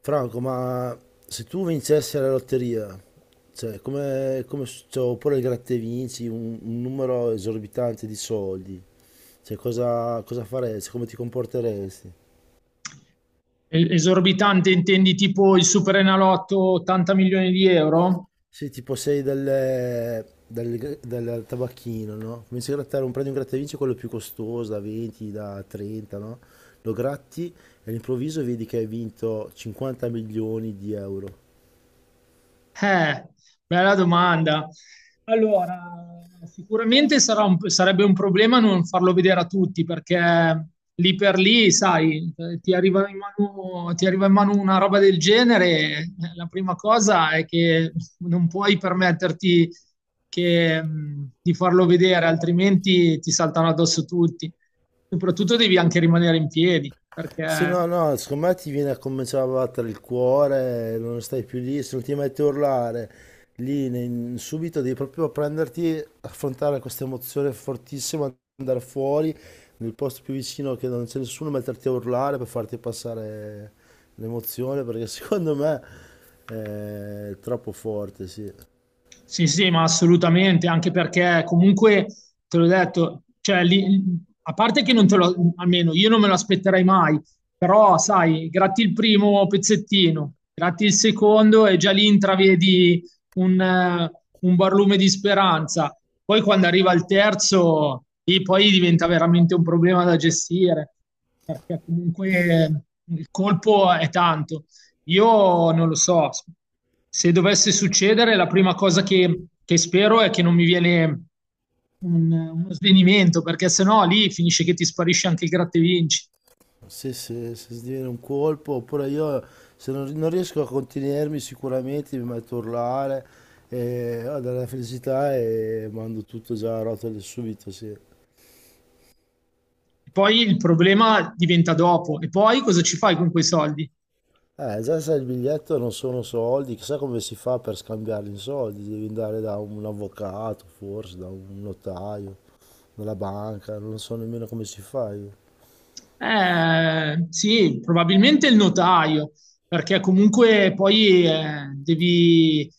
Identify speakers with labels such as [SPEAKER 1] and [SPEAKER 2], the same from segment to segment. [SPEAKER 1] Franco, ma se tu vincessi alla lotteria, cioè, cioè, oppure il gratta e vinci un numero esorbitante di soldi, cioè, cosa faresti? Come ti comporteresti?
[SPEAKER 2] Esorbitante intendi tipo il Superenalotto 80 milioni di euro?
[SPEAKER 1] Sì, tipo sei del tabacchino, no? Cominci a grattare un prendi un gratta e vinci quello più costoso, da 20, da 30, no? Lo gratti e all'improvviso vedi che hai vinto 50 milioni di euro.
[SPEAKER 2] Eh, bella domanda. Allora, sicuramente sarebbe un problema non farlo vedere a tutti perché lì per lì, sai, ti arriva in mano una roba del genere, la prima cosa è che non puoi permetterti di farlo vedere, altrimenti ti saltano addosso tutti. Soprattutto devi anche rimanere in piedi
[SPEAKER 1] Sì,
[SPEAKER 2] perché.
[SPEAKER 1] no, no, secondo me ti viene a cominciare a battere il cuore, non stai più lì, se non ti metti a urlare subito devi proprio prenderti, affrontare questa emozione fortissima, andare fuori nel posto più vicino che non c'è nessuno, metterti a urlare per farti passare l'emozione, perché secondo me è troppo forte, sì.
[SPEAKER 2] Sì, sì, ma assolutamente, anche perché comunque, te l'ho detto, cioè, a parte che non te lo, almeno io non me lo aspetterei mai, però sai, gratti il primo pezzettino, gratti il secondo e già lì intravedi un, eh, un barlume di speranza. Poi quando arriva il terzo, lì poi diventa veramente un problema da gestire, perché comunque eh, il colpo è tanto. Io non lo so, se dovesse succedere, la prima cosa che spero è che non mi viene uno svenimento, perché sennò lì finisce che ti sparisce anche il gratta e vinci.
[SPEAKER 1] Se sviene un colpo, oppure io se non riesco a contenermi sicuramente mi metto a urlare, e, ho della felicità e mando tutto già a rotelle subito, sì.
[SPEAKER 2] Poi il problema diventa dopo. E poi cosa ci fai con quei soldi?
[SPEAKER 1] Già sai, il biglietto non sono soldi, chissà come si fa per scambiarli in soldi, devi andare da un avvocato, forse, da un notaio, dalla banca, non so nemmeno come si fa io.
[SPEAKER 2] Sì, probabilmente il notaio, perché comunque poi devi,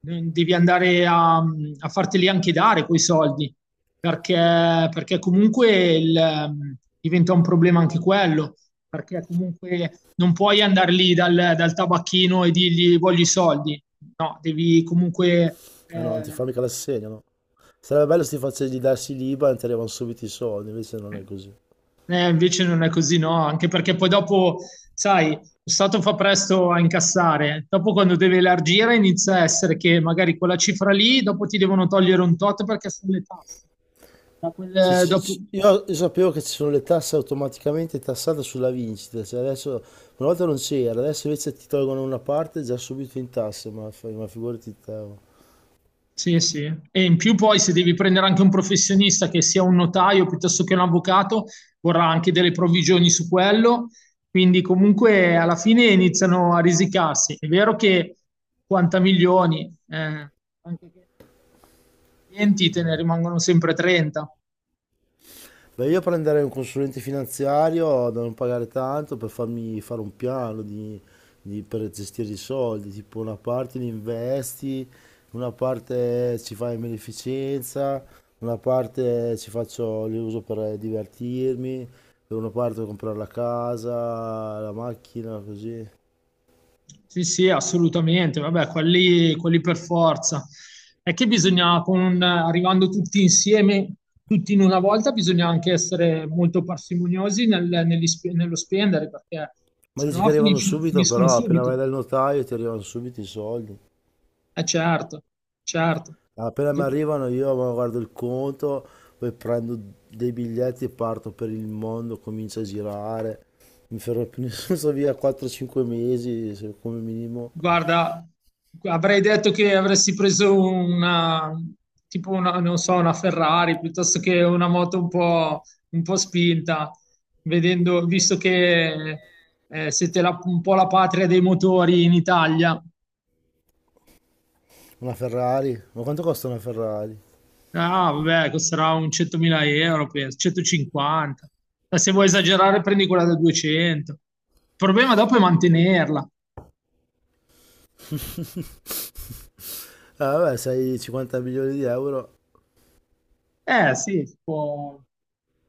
[SPEAKER 2] devi andare a farteli anche dare quei soldi, perché, perché, comunque diventa un problema anche quello, perché comunque non puoi andare lì dal tabacchino e dirgli voglio i soldi, no, devi comunque...
[SPEAKER 1] Ah no, non ti fa
[SPEAKER 2] eh,
[SPEAKER 1] mica l'assegno, no? Sarebbe bello se ti facessi darsi l'IBAN e ti arrivano subito i soldi, invece non è così.
[SPEAKER 2] Invece non è così, no? Anche perché poi dopo, sai, lo Stato fa presto a incassare. Dopo quando deve elargire inizia a essere che magari quella cifra lì, dopo ti devono togliere un tot perché sono le tasse. Da quel-
[SPEAKER 1] Ci-
[SPEAKER 2] eh,
[SPEAKER 1] ci-
[SPEAKER 2] dopo-
[SPEAKER 1] ci- Io io sapevo che ci sono le tasse automaticamente tassate sulla vincita, cioè adesso, una volta non c'era, adesso invece ti tolgono una parte già subito in tasse, ma figurati te.
[SPEAKER 2] Sì, sì. E in più poi se devi prendere anche un professionista che sia un notaio piuttosto che un avvocato, vorrà anche delle provvigioni su quello. Quindi comunque alla fine iniziano a risicarsi. È vero che 50 milioni, anche che clienti te ne rimangono sempre 30.
[SPEAKER 1] Beh, io prenderei un consulente finanziario da non pagare tanto per farmi fare un piano per gestire i soldi, tipo una parte li investi, una parte ci fai in beneficenza, una parte ci faccio, li uso per divertirmi, per una parte per comprare la casa, la macchina, così.
[SPEAKER 2] Sì, sì, assolutamente. Vabbè, quelli per forza. È che bisogna, arrivando tutti insieme, tutti in una volta, bisogna anche essere molto parsimoniosi nello spendere, perché
[SPEAKER 1] Ma dici
[SPEAKER 2] sennò
[SPEAKER 1] che arrivano subito,
[SPEAKER 2] finiscono
[SPEAKER 1] però appena
[SPEAKER 2] subito.
[SPEAKER 1] vai dal notaio ti arrivano subito i soldi.
[SPEAKER 2] Eh certo, certo.
[SPEAKER 1] Appena mi arrivano io ma guardo il conto, poi prendo dei biglietti e parto per il mondo, comincio a girare. Mi fermo più nessuno, sto via 4-5 mesi come minimo.
[SPEAKER 2] Guarda, avrei detto che avresti preso tipo una, non so, una Ferrari piuttosto che una moto un po' spinta, visto che siete un po' la patria dei motori in Italia.
[SPEAKER 1] Una Ferrari? Ma quanto costa una Ferrari?
[SPEAKER 2] Ah, vabbè, costerà un 100.000 euro, penso, 150. Ma se vuoi esagerare, prendi quella da 200. Il problema dopo è mantenerla.
[SPEAKER 1] Ah, vabbè, sei 50 milioni di euro.
[SPEAKER 2] Eh sì, si può,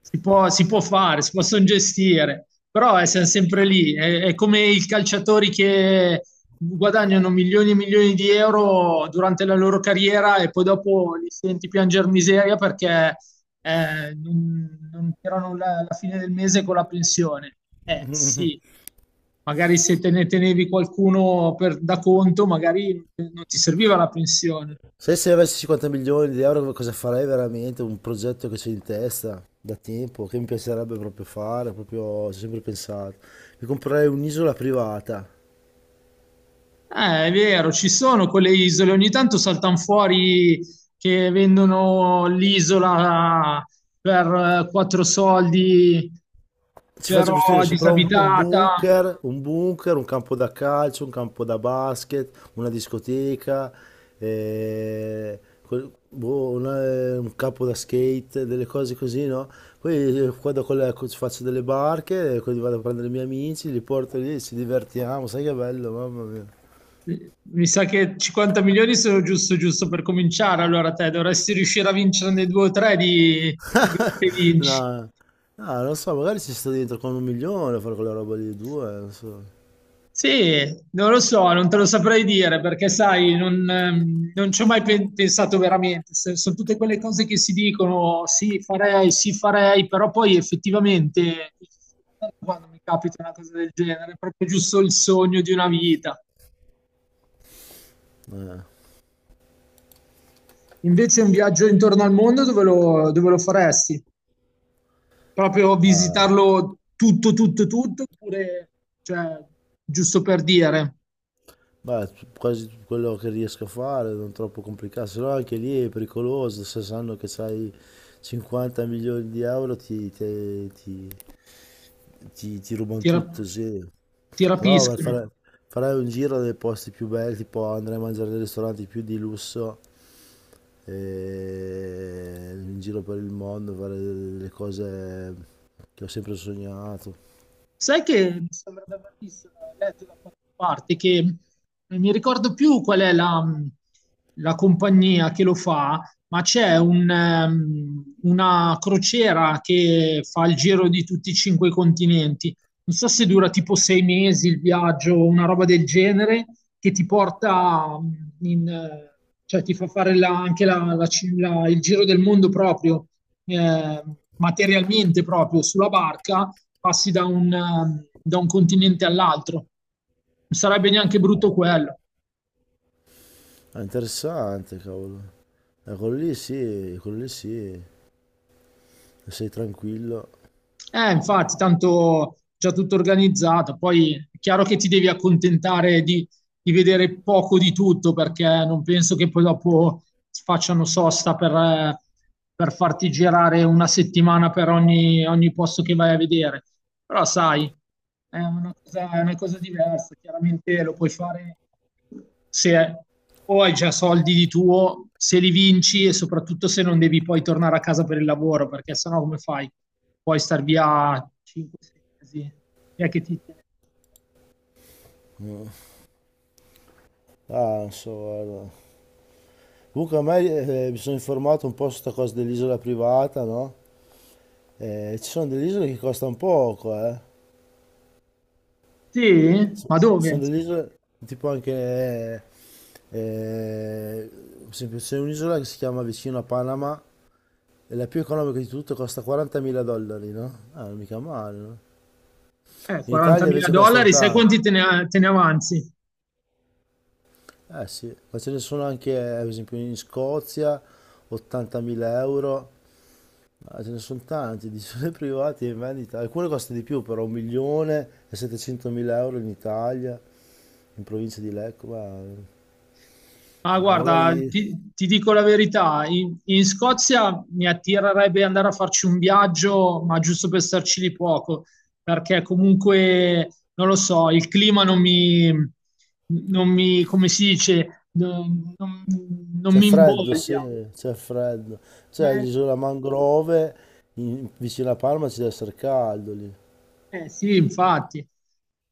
[SPEAKER 2] si può- si può fare, si possono gestire, però siamo sempre lì. È come i calciatori che guadagnano milioni e milioni di euro durante la loro carriera e poi dopo li senti piangere miseria perché non tirano la fine del mese con la pensione. Eh sì, magari se te ne tenevi qualcuno da conto, magari non ti serviva la pensione.
[SPEAKER 1] Se avessi 50 milioni di euro cosa farei veramente? Un progetto che c'è in testa da tempo, che mi piacerebbe proprio fare, proprio ci ho sempre pensato. Mi comprerei un'isola privata.
[SPEAKER 2] È vero, ci sono quelle isole, ogni tanto saltano fuori che vendono l'isola per quattro soldi,
[SPEAKER 1] Ci faccio
[SPEAKER 2] però
[SPEAKER 1] costruire sopra
[SPEAKER 2] disabitata.
[SPEAKER 1] un bunker, un campo da calcio, un campo da basket, una discoteca, boh, un campo da skate, delle cose così, no? Poi vado con ci faccio delle barche, poi vado a prendere i miei amici, li porto lì, ci divertiamo, sai che bello, mamma mia.
[SPEAKER 2] Mi sa che 50 milioni sono giusto, giusto per cominciare. Allora, te dovresti riuscire a vincere nei due o tre di Gratta e vinci.
[SPEAKER 1] No, no, non so, magari ci sto dentro con un milione a fare quella roba lì, due, non so.
[SPEAKER 2] Sì, non lo so, non te lo saprei dire perché, sai, non ci ho mai pensato veramente. Sono tutte quelle cose che si dicono, sì, farei, però poi effettivamente quando mi capita una cosa del genere, è proprio giusto il sogno di una vita. Invece un viaggio intorno al mondo dove lo faresti? Proprio
[SPEAKER 1] Ah.
[SPEAKER 2] visitarlo tutto, tutto, tutto, oppure, cioè, giusto per dire,
[SPEAKER 1] Beh, quasi tutto quello che riesco a fare, non troppo complicato, se no anche lì è pericoloso, se sanno che hai 50 milioni di euro ti rubano
[SPEAKER 2] ti, rap-
[SPEAKER 1] tutto, sì.
[SPEAKER 2] ti
[SPEAKER 1] Però
[SPEAKER 2] rapiscono.
[SPEAKER 1] farai un giro dei posti più belli, tipo andrai a mangiare nei ristoranti più di lusso, e in giro per il mondo, fare le cose che ho sempre sognato.
[SPEAKER 2] Sai che mi sembra di aver visto, letto da qualche parte che non mi ricordo più qual è la compagnia che lo fa, ma c'è una crociera che fa il giro di tutti i cinque continenti. Non so se dura tipo 6 mesi il viaggio o una roba del genere, che ti porta in, eh, cioè ti fa fare la- anche la- la ci- la- il giro del mondo proprio, eh, materialmente proprio sulla barca passi da da un continente all'altro. Non sarebbe neanche brutto quello.
[SPEAKER 1] È interessante, cavolo. Quello lì sì, sei tranquillo.
[SPEAKER 2] Infatti, tanto già tutto organizzato. Poi è chiaro che ti devi accontentare di vedere poco di tutto, perché non penso che poi dopo facciano sosta per farti girare una settimana per ogni posto che vai a vedere. Però sai, è una cosa diversa. Chiaramente lo puoi fare se o hai già soldi di tuo, se li vinci e soprattutto se non devi poi tornare a casa per il lavoro, perché sennò come fai? Puoi star via 5-6 mesi. Chi è che ti tiene?
[SPEAKER 1] Ah, non so, guarda. Comunque a me mi sono informato un po' su questa cosa dell'isola privata, no? Ci sono delle isole che costano poco, eh.
[SPEAKER 2] Sì?
[SPEAKER 1] Ci
[SPEAKER 2] Ma dove?
[SPEAKER 1] sono delle isole tipo anche eh, per esempio c'è un'isola che si chiama vicino a Panama e la più economica di tutte costa 40.000 dollari, no? Ah, non mica male, no? In Italia
[SPEAKER 2] 40.000
[SPEAKER 1] invece costano
[SPEAKER 2] dollari, sai
[SPEAKER 1] tanto.
[SPEAKER 2] quanti te ne avanzi?
[SPEAKER 1] Eh sì, ma ce ne sono anche, per esempio, in Scozia 80.000 euro. Ah, ce ne sono tanti, di sole privati in vendita. Alcune costano di più, però 1.700.000 euro in Italia, in provincia di Lecco,
[SPEAKER 2] Ah,
[SPEAKER 1] ma
[SPEAKER 2] guarda,
[SPEAKER 1] magari
[SPEAKER 2] ti dico la verità, in Scozia mi attirerebbe andare a farci un viaggio, ma giusto per starci lì poco, perché comunque, non lo so, il clima non mi, non mi, come si dice, non
[SPEAKER 1] c'è
[SPEAKER 2] mi
[SPEAKER 1] freddo,
[SPEAKER 2] imboglia.
[SPEAKER 1] sì, c'è freddo. C'è
[SPEAKER 2] Eh,
[SPEAKER 1] l'isola Mangrove, vicino a Palma ci deve essere caldo lì.
[SPEAKER 2] eh, sì, infatti.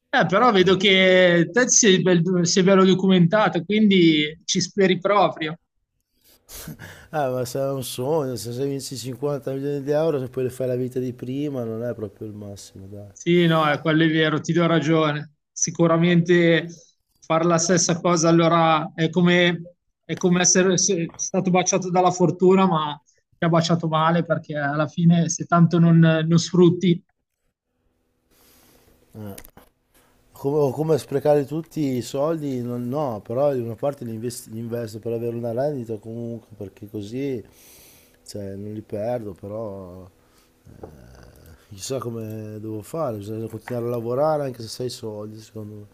[SPEAKER 2] Però vedo che sei bello documentato, quindi ci speri proprio.
[SPEAKER 1] Ma se è un sogno, se vinci 50 milioni di euro, se poi le fai la vita di prima, non è proprio il massimo, dai.
[SPEAKER 2] Sì, no, quello è vero, ti do ragione. Sicuramente fare la stessa cosa allora è come essere stato baciato dalla fortuna, ma ti ha baciato male perché alla fine se tanto non sfrutti,
[SPEAKER 1] Come, o come sprecare tutti i soldi, no, però di una parte li investo per avere una rendita comunque, perché così cioè, non li perdo, però eh, chissà come devo fare, bisogna continuare a lavorare anche se sei soldi, secondo me.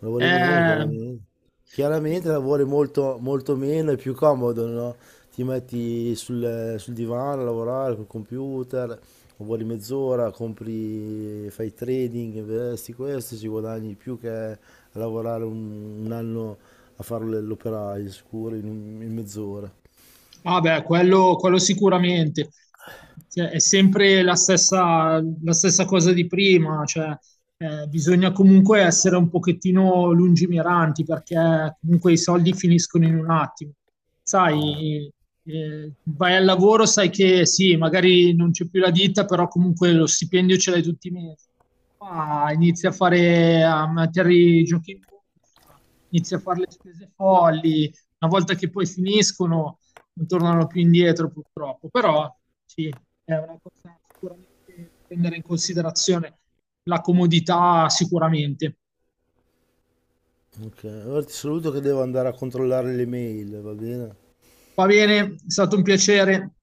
[SPEAKER 1] Lavori meno,
[SPEAKER 2] eh,
[SPEAKER 1] chiaramente. Chiaramente lavori molto, molto meno, è più comodo, no? Ti metti sul divano a lavorare col computer, lavori mezz'ora, compri, fai trading, investi questo, ci guadagni di più che a lavorare un anno a fare l'operaio, sicuro, in mezz'ora.
[SPEAKER 2] Ah beh, quello sicuramente. Cioè, è sempre la stessa cosa di prima, cioè, bisogna comunque essere un pochettino lungimiranti perché comunque i soldi finiscono in un attimo. Sai, vai al lavoro, sai che sì, magari non c'è più la ditta, però comunque lo stipendio ce l'hai tutti i mesi. Qua inizi a fare, a mettere i giochi in borsa, inizi a fare le spese folli, una volta che poi finiscono non tornano più indietro purtroppo, però sì, è una cosa sicuramente da prendere in considerazione la comodità sicuramente.
[SPEAKER 1] Ok, ora ti saluto che devo andare a controllare le mail, va bene?
[SPEAKER 2] Va bene, è stato un piacere.